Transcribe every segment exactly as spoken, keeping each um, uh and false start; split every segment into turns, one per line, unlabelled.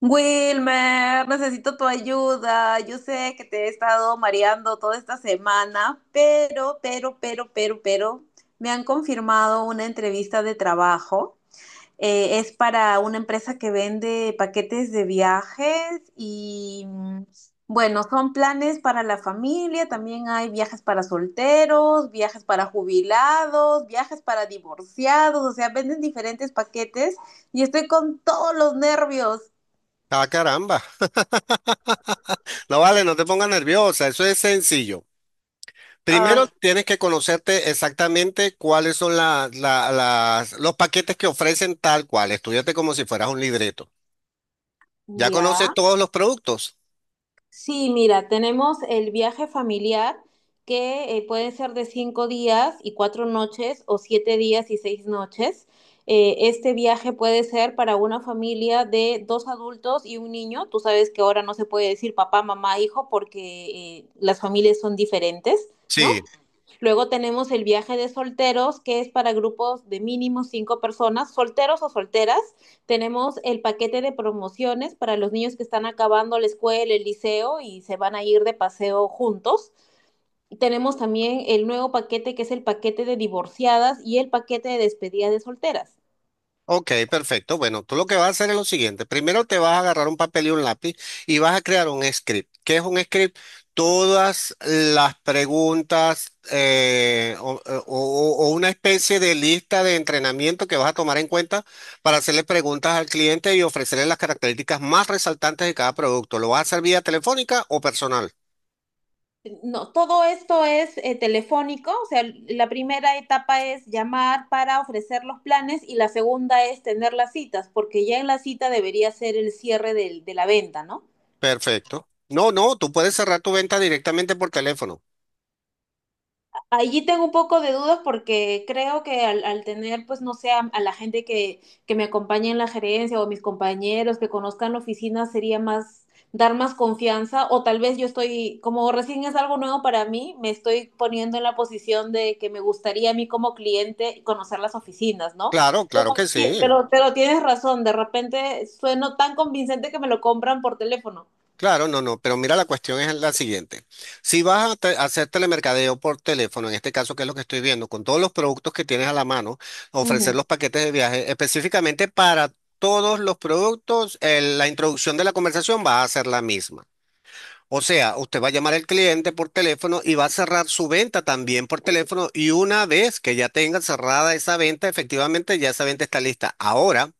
Wilmer, necesito tu ayuda. Yo sé que te he estado mareando toda esta semana, pero, pero, pero, pero, pero, me han confirmado una entrevista de trabajo. Eh, es para una empresa que vende paquetes de viajes y, mm, bueno, son planes para la familia, también hay viajes para solteros, viajes para jubilados, viajes para divorciados, o sea, venden diferentes paquetes y estoy con todos los nervios.
Ah, caramba. No vale, no te pongas nerviosa, eso es sencillo.
Ay,
Primero tienes que conocerte exactamente cuáles son la- la- las, los paquetes que ofrecen tal cual. Estudiate como si fueras un libreto. ¿Ya conoces
ya,
todos los productos?
sí, mira, tenemos el viaje familiar que eh, puede ser de cinco días y cuatro noches o siete días y seis noches. Eh, este viaje puede ser para una familia de dos adultos y un niño. Tú sabes que ahora no se puede decir papá, mamá, hijo porque eh, las familias son diferentes, ¿no?
Sí.
Luego tenemos el viaje de solteros, que es para grupos de mínimo cinco personas, solteros o solteras. Tenemos el paquete de promociones para los niños que están acabando la escuela, el liceo y se van a ir de paseo juntos. Y tenemos también el nuevo paquete, que es el paquete de divorciadas y el paquete de despedida de solteras.
Ok, perfecto. Bueno, tú lo que vas a hacer es lo siguiente. Primero te vas a agarrar un papel y un lápiz y vas a crear un script. ¿Qué es un script? Todas las preguntas eh, o, o- o- o una especie de lista de entrenamiento que vas a tomar en cuenta para hacerle preguntas al cliente y ofrecerle las características más resaltantes de cada producto. ¿Lo vas a hacer vía telefónica o personal?
No, todo esto es eh, telefónico, o sea, la primera etapa es llamar para ofrecer los planes y la segunda es tener las citas, porque ya en la cita debería ser el cierre del- de la venta, ¿no?
Perfecto. No, no, tú puedes cerrar tu venta directamente por teléfono.
Allí tengo un poco de dudas porque creo que al, al tener, pues no sé, a, a la gente que, que me acompañe en la gerencia o mis compañeros que conozcan la oficina sería más, dar más confianza o tal vez yo estoy, como recién es algo nuevo para mí, me estoy poniendo en la posición de que me gustaría a mí como cliente conocer las oficinas, ¿no?
Claro,
Pero,
claro que
ti-
sí.
pero, pero tienes razón, de repente sueno tan convincente que me lo compran por teléfono.
Claro, no, no, pero mira, la cuestión es la siguiente. Si vas a, te- a hacer telemercadeo por teléfono, en este caso que es lo que estoy viendo, con todos los productos que tienes a la mano, ofrecer los paquetes de viaje específicamente para todos los productos, el- la introducción de la conversación va a ser la misma. O sea, usted va a llamar al cliente por teléfono y va a cerrar su venta también por teléfono y una vez que ya tenga cerrada esa venta, efectivamente ya esa venta está lista. Ahora.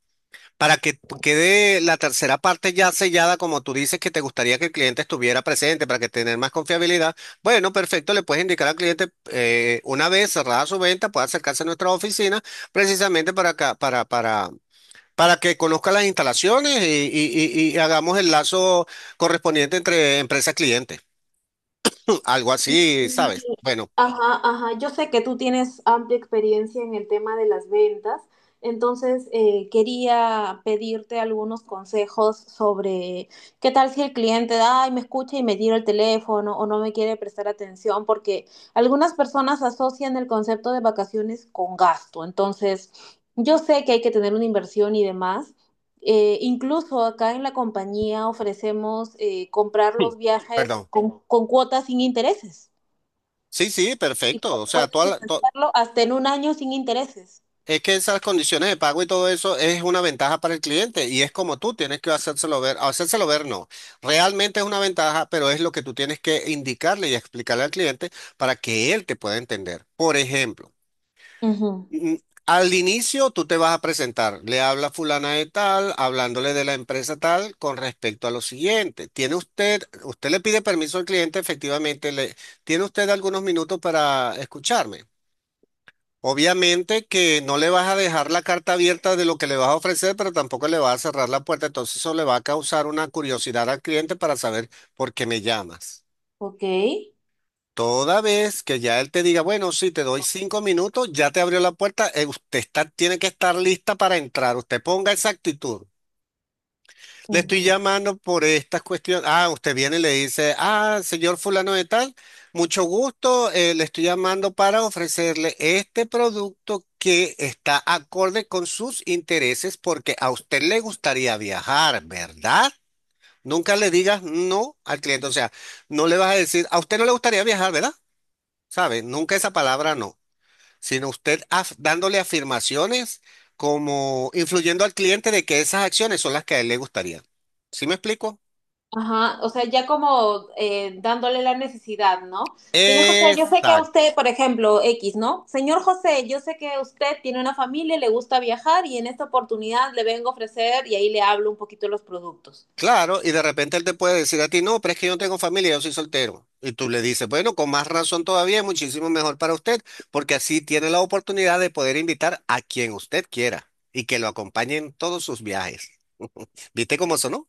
Para que p- quede la tercera parte ya sellada, como tú dices que te gustaría que el cliente estuviera presente para que tener más confiabilidad. Bueno, perfecto, le puedes indicar al cliente eh, una vez cerrada su venta, puede acercarse a nuestra oficina precisamente para acá, para, para, para que conozca las instalaciones y, y- y- y hagamos el lazo correspondiente entre empresa-cliente. Algo así,
Ujú.
¿sabes? Bueno,
Ajá, ajá. Yo sé que tú tienes amplia experiencia en el tema de las ventas, entonces eh, quería pedirte algunos consejos sobre qué tal si el cliente, ay, me escucha y me tira el teléfono o no me quiere prestar atención, porque algunas personas asocian el concepto de vacaciones con gasto. Entonces, yo sé que hay que tener una inversión y demás. Eh, incluso acá en la compañía ofrecemos eh, comprar los viajes
perdón.
con, con cuotas sin intereses
Sí, sí,
y
perfecto.
pu-
O sea,
puedes
toda la- to-
financiarlo hasta en un año sin intereses.
Es que esas condiciones de pago y todo eso es una ventaja para el cliente y es como tú tienes que hacérselo ver, hacérselo ver no. Realmente es una ventaja, pero es lo que tú tienes que indicarle y explicarle al cliente para que él te pueda entender. Por ejemplo,
Ujú.
mm, al inicio tú te vas a presentar, le habla fulana de tal, hablándole de la empresa tal con respecto a lo siguiente. Tiene usted, usted le pide permiso al cliente, efectivamente, le, tiene usted algunos minutos para escucharme. Obviamente que no le vas a dejar la carta abierta de lo que le vas a ofrecer, pero tampoco le vas a cerrar la puerta. Entonces eso le va a causar una curiosidad al cliente para saber por qué me llamas.
Ok.
Toda vez que ya él te diga, bueno, sí, te doy cinco minutos, ya te abrió la puerta, eh, usted está, tiene que estar lista para entrar. Usted ponga esa actitud. Le estoy
Ujú.
llamando por estas cuestiones. Ah, usted viene y le dice, ah, señor fulano de tal, mucho gusto, eh, le estoy llamando para ofrecerle este producto que está acorde con sus intereses porque a usted le gustaría viajar, ¿verdad? Nunca le digas no al cliente, o sea, no le vas a decir, a usted no le gustaría viajar, ¿verdad? ¿Sabe? Nunca esa palabra no, sino usted af- dándole afirmaciones como influyendo al cliente de que esas acciones son las que a él le gustaría. ¿Sí me explico?
Ajá, o sea, ya como eh, dándole la necesidad, ¿no? Señor José, yo sé que a
Exacto,
usted, por ejemplo, X, ¿no? Señor José, yo sé que usted tiene una familia, le gusta viajar y en esta oportunidad le vengo a ofrecer y ahí le hablo un poquito de los productos.
claro, y de repente él te puede decir a ti, no, pero es que yo no tengo familia, yo soy soltero. Y tú le dices, bueno, con más razón todavía es muchísimo mejor para usted, porque así tiene la oportunidad de poder invitar a quien usted quiera y que lo acompañe en todos sus viajes. ¿Viste cómo sonó?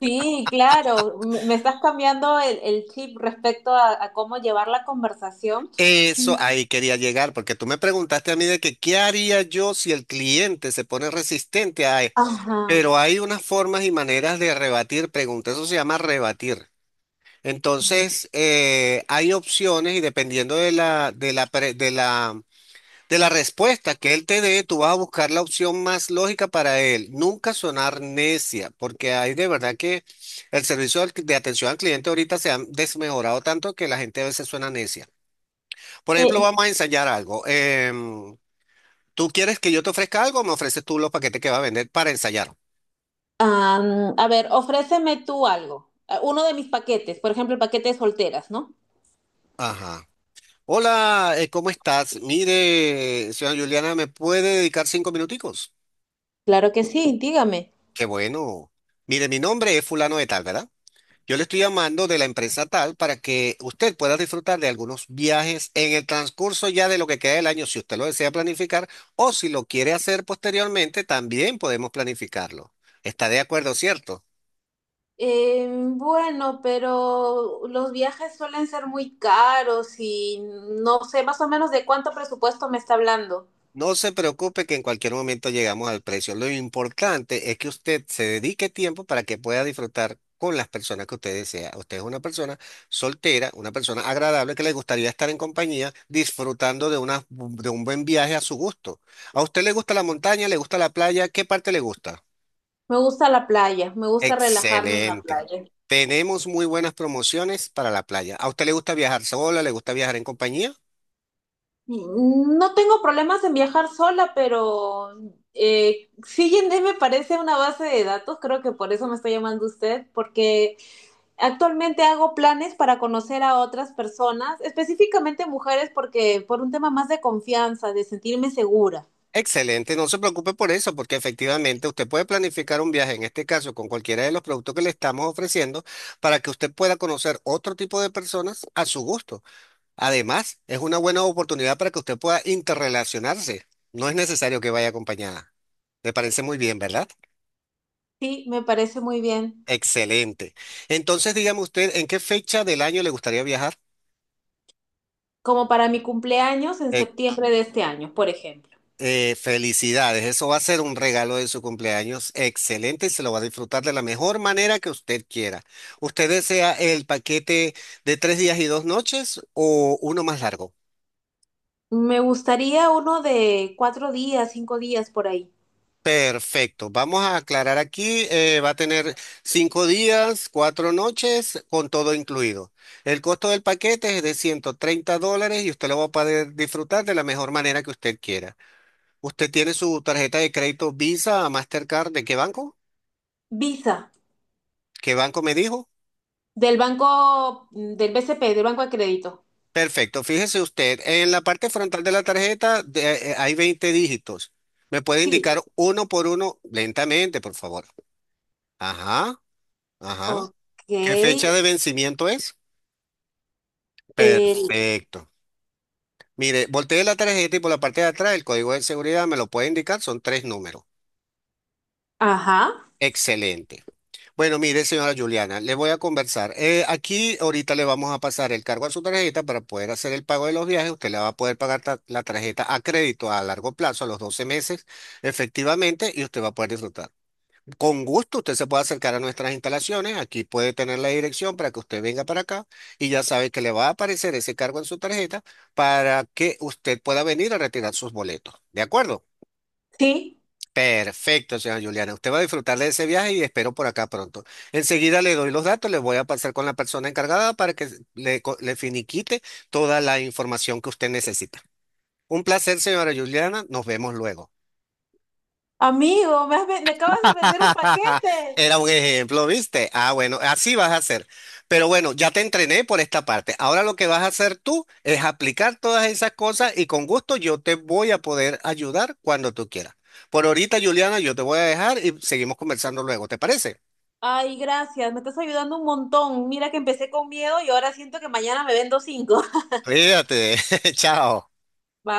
Sí, claro, me me estás cambiando el, el chip respecto a, a cómo llevar la conversación.
Eso
Mm.
ahí quería llegar, porque tú me preguntaste a mí de que qué haría yo si el cliente se pone resistente a...
Ajá.
Pero hay unas formas y maneras de rebatir preguntas, eso se llama rebatir. Entonces, eh, hay opciones y dependiendo de la, de la, pre- de la, de la respuesta que él te dé, tú vas a buscar la opción más lógica para él. Nunca sonar necia, porque hay de verdad que el servicio al- de atención al cliente ahorita se ha desmejorado tanto que la gente a veces suena necia. Por ejemplo,
Sí,
vamos a ensayar algo. Em, ¿tú quieres que yo te ofrezca algo o me ofreces tú los paquetes que va a vender para ensayar?
Am, a ver, ofréceme tú algo. Eh, Uno de mis paquetes, por ejemplo, el paquete de solteras, ¿no?
Ajá. Hola, eh, ¿cómo estás? Mire, señora Juliana, ¿me puede dedicar cinco minuticos?
Claro que sí, dígame.
Qué bueno. Mire, mi nombre es fulano de tal, ¿verdad? Yo le estoy llamando de la empresa tal para que usted pueda disfrutar de algunos viajes en el transcurso ya de lo que queda del año, si usted lo desea planificar o si lo quiere hacer posteriormente, también podemos planificarlo. ¿Está de acuerdo, cierto?
Eh, bueno, pero los viajes suelen ser muy caros y no sé más o menos de cuánto presupuesto me está hablando.
No se preocupe que en cualquier momento llegamos al precio. Lo importante es que usted se dedique tiempo para que pueda disfrutar con las personas que usted desea. Usted es una persona soltera, una persona agradable que le gustaría estar en compañía disfrutando de una, de un buen viaje a su gusto. ¿A usted le gusta la montaña? ¿Le gusta la playa? ¿Qué parte le gusta?
Me gusta la playa, me gusta relajarme en la
Excelente.
playa.
Tenemos muy buenas promociones para la playa. ¿A usted le gusta viajar sola? ¿Le gusta viajar en compañía?
Mm, no tengo problemas en viajar sola, pero eh, sí, Yandé me parece una base de datos, creo que por eso me está llamando usted, porque actualmente hago planes para conocer a otras personas, específicamente mujeres, porque por un tema más de confianza, de sentirme segura.
Excelente, no se preocupe por eso, porque efectivamente usted puede planificar un viaje, en este caso con cualquiera de los productos que le estamos ofreciendo, para que usted pueda conocer otro tipo de personas a su gusto. Además, es una buena oportunidad para que usted pueda interrelacionarse. No es necesario que vaya acompañada. Me parece muy bien, ¿verdad?
Sí, me parece muy bien.
Excelente. Entonces, dígame usted, ¿en qué fecha del año le gustaría viajar?
Como para mi cumpleaños en septiembre de este año, por ejemplo.
Eh, felicidades, eso va a ser un regalo de su cumpleaños excelente y se lo va a disfrutar de la mejor manera que usted quiera. ¿Usted desea el paquete de tres días y dos noches o uno más largo?
Me gustaría uno de cuatro días, cinco días por ahí.
Perfecto, vamos a aclarar aquí, eh, va a tener cinco días, cuatro noches, con todo incluido. El costo del paquete es de ciento treinta dólares y usted lo va a poder disfrutar de la mejor manera que usted quiera. ¿Usted tiene su tarjeta de crédito Visa, Mastercard, de qué banco?
Visa,
¿Qué banco me dijo?
del banco, del B C P, del Banco de Crédito.
Perfecto. Fíjese usted, en la parte frontal de la tarjeta de- eh, hay veinte dígitos. ¿Me puede
Sí,
indicar uno por uno lentamente, por favor? Ajá, ajá.
ok.
¿Qué fecha de vencimiento es?
El,
Perfecto. Mire, volteé la tarjeta y por la parte de atrás el código de seguridad me lo puede indicar, son tres números.
ajá,
Excelente. Bueno, mire, señora Juliana, le voy a conversar. Eh, aquí ahorita le vamos a pasar el cargo a su tarjeta para poder hacer el pago de los viajes. Usted le va a poder pagar ta- la tarjeta a crédito a largo plazo, a los doce meses, efectivamente, y usted va a poder disfrutar. Con gusto, usted se puede acercar a nuestras instalaciones. Aquí puede tener la dirección para que usted venga para acá y ya sabe que le va a aparecer ese cargo en su tarjeta para que usted pueda venir a retirar sus boletos. ¿De acuerdo?
sí.
Perfecto, señora Juliana. Usted va a disfrutar de ese viaje y espero por acá pronto. Enseguida le doy los datos, le voy a pasar con la persona encargada para que le, co- le finiquite toda la información que usted necesita. Un placer, señora Juliana. Nos vemos luego.
Amigo, me, has ven- me acabas de vender un paquete.
Era un ejemplo, ¿viste? Ah, bueno, así vas a hacer. Pero bueno, ya te entrené por esta parte. Ahora lo que vas a hacer tú es aplicar todas esas cosas y con gusto yo te voy a poder ayudar cuando tú quieras. Por ahorita, Juliana, yo te voy a dejar y seguimos conversando luego, ¿te parece?
Ay, gracias, me estás ayudando un montón. Mira que empecé con miedo y ahora siento que mañana me vendo cinco.
Cuídate, chao.
Bye.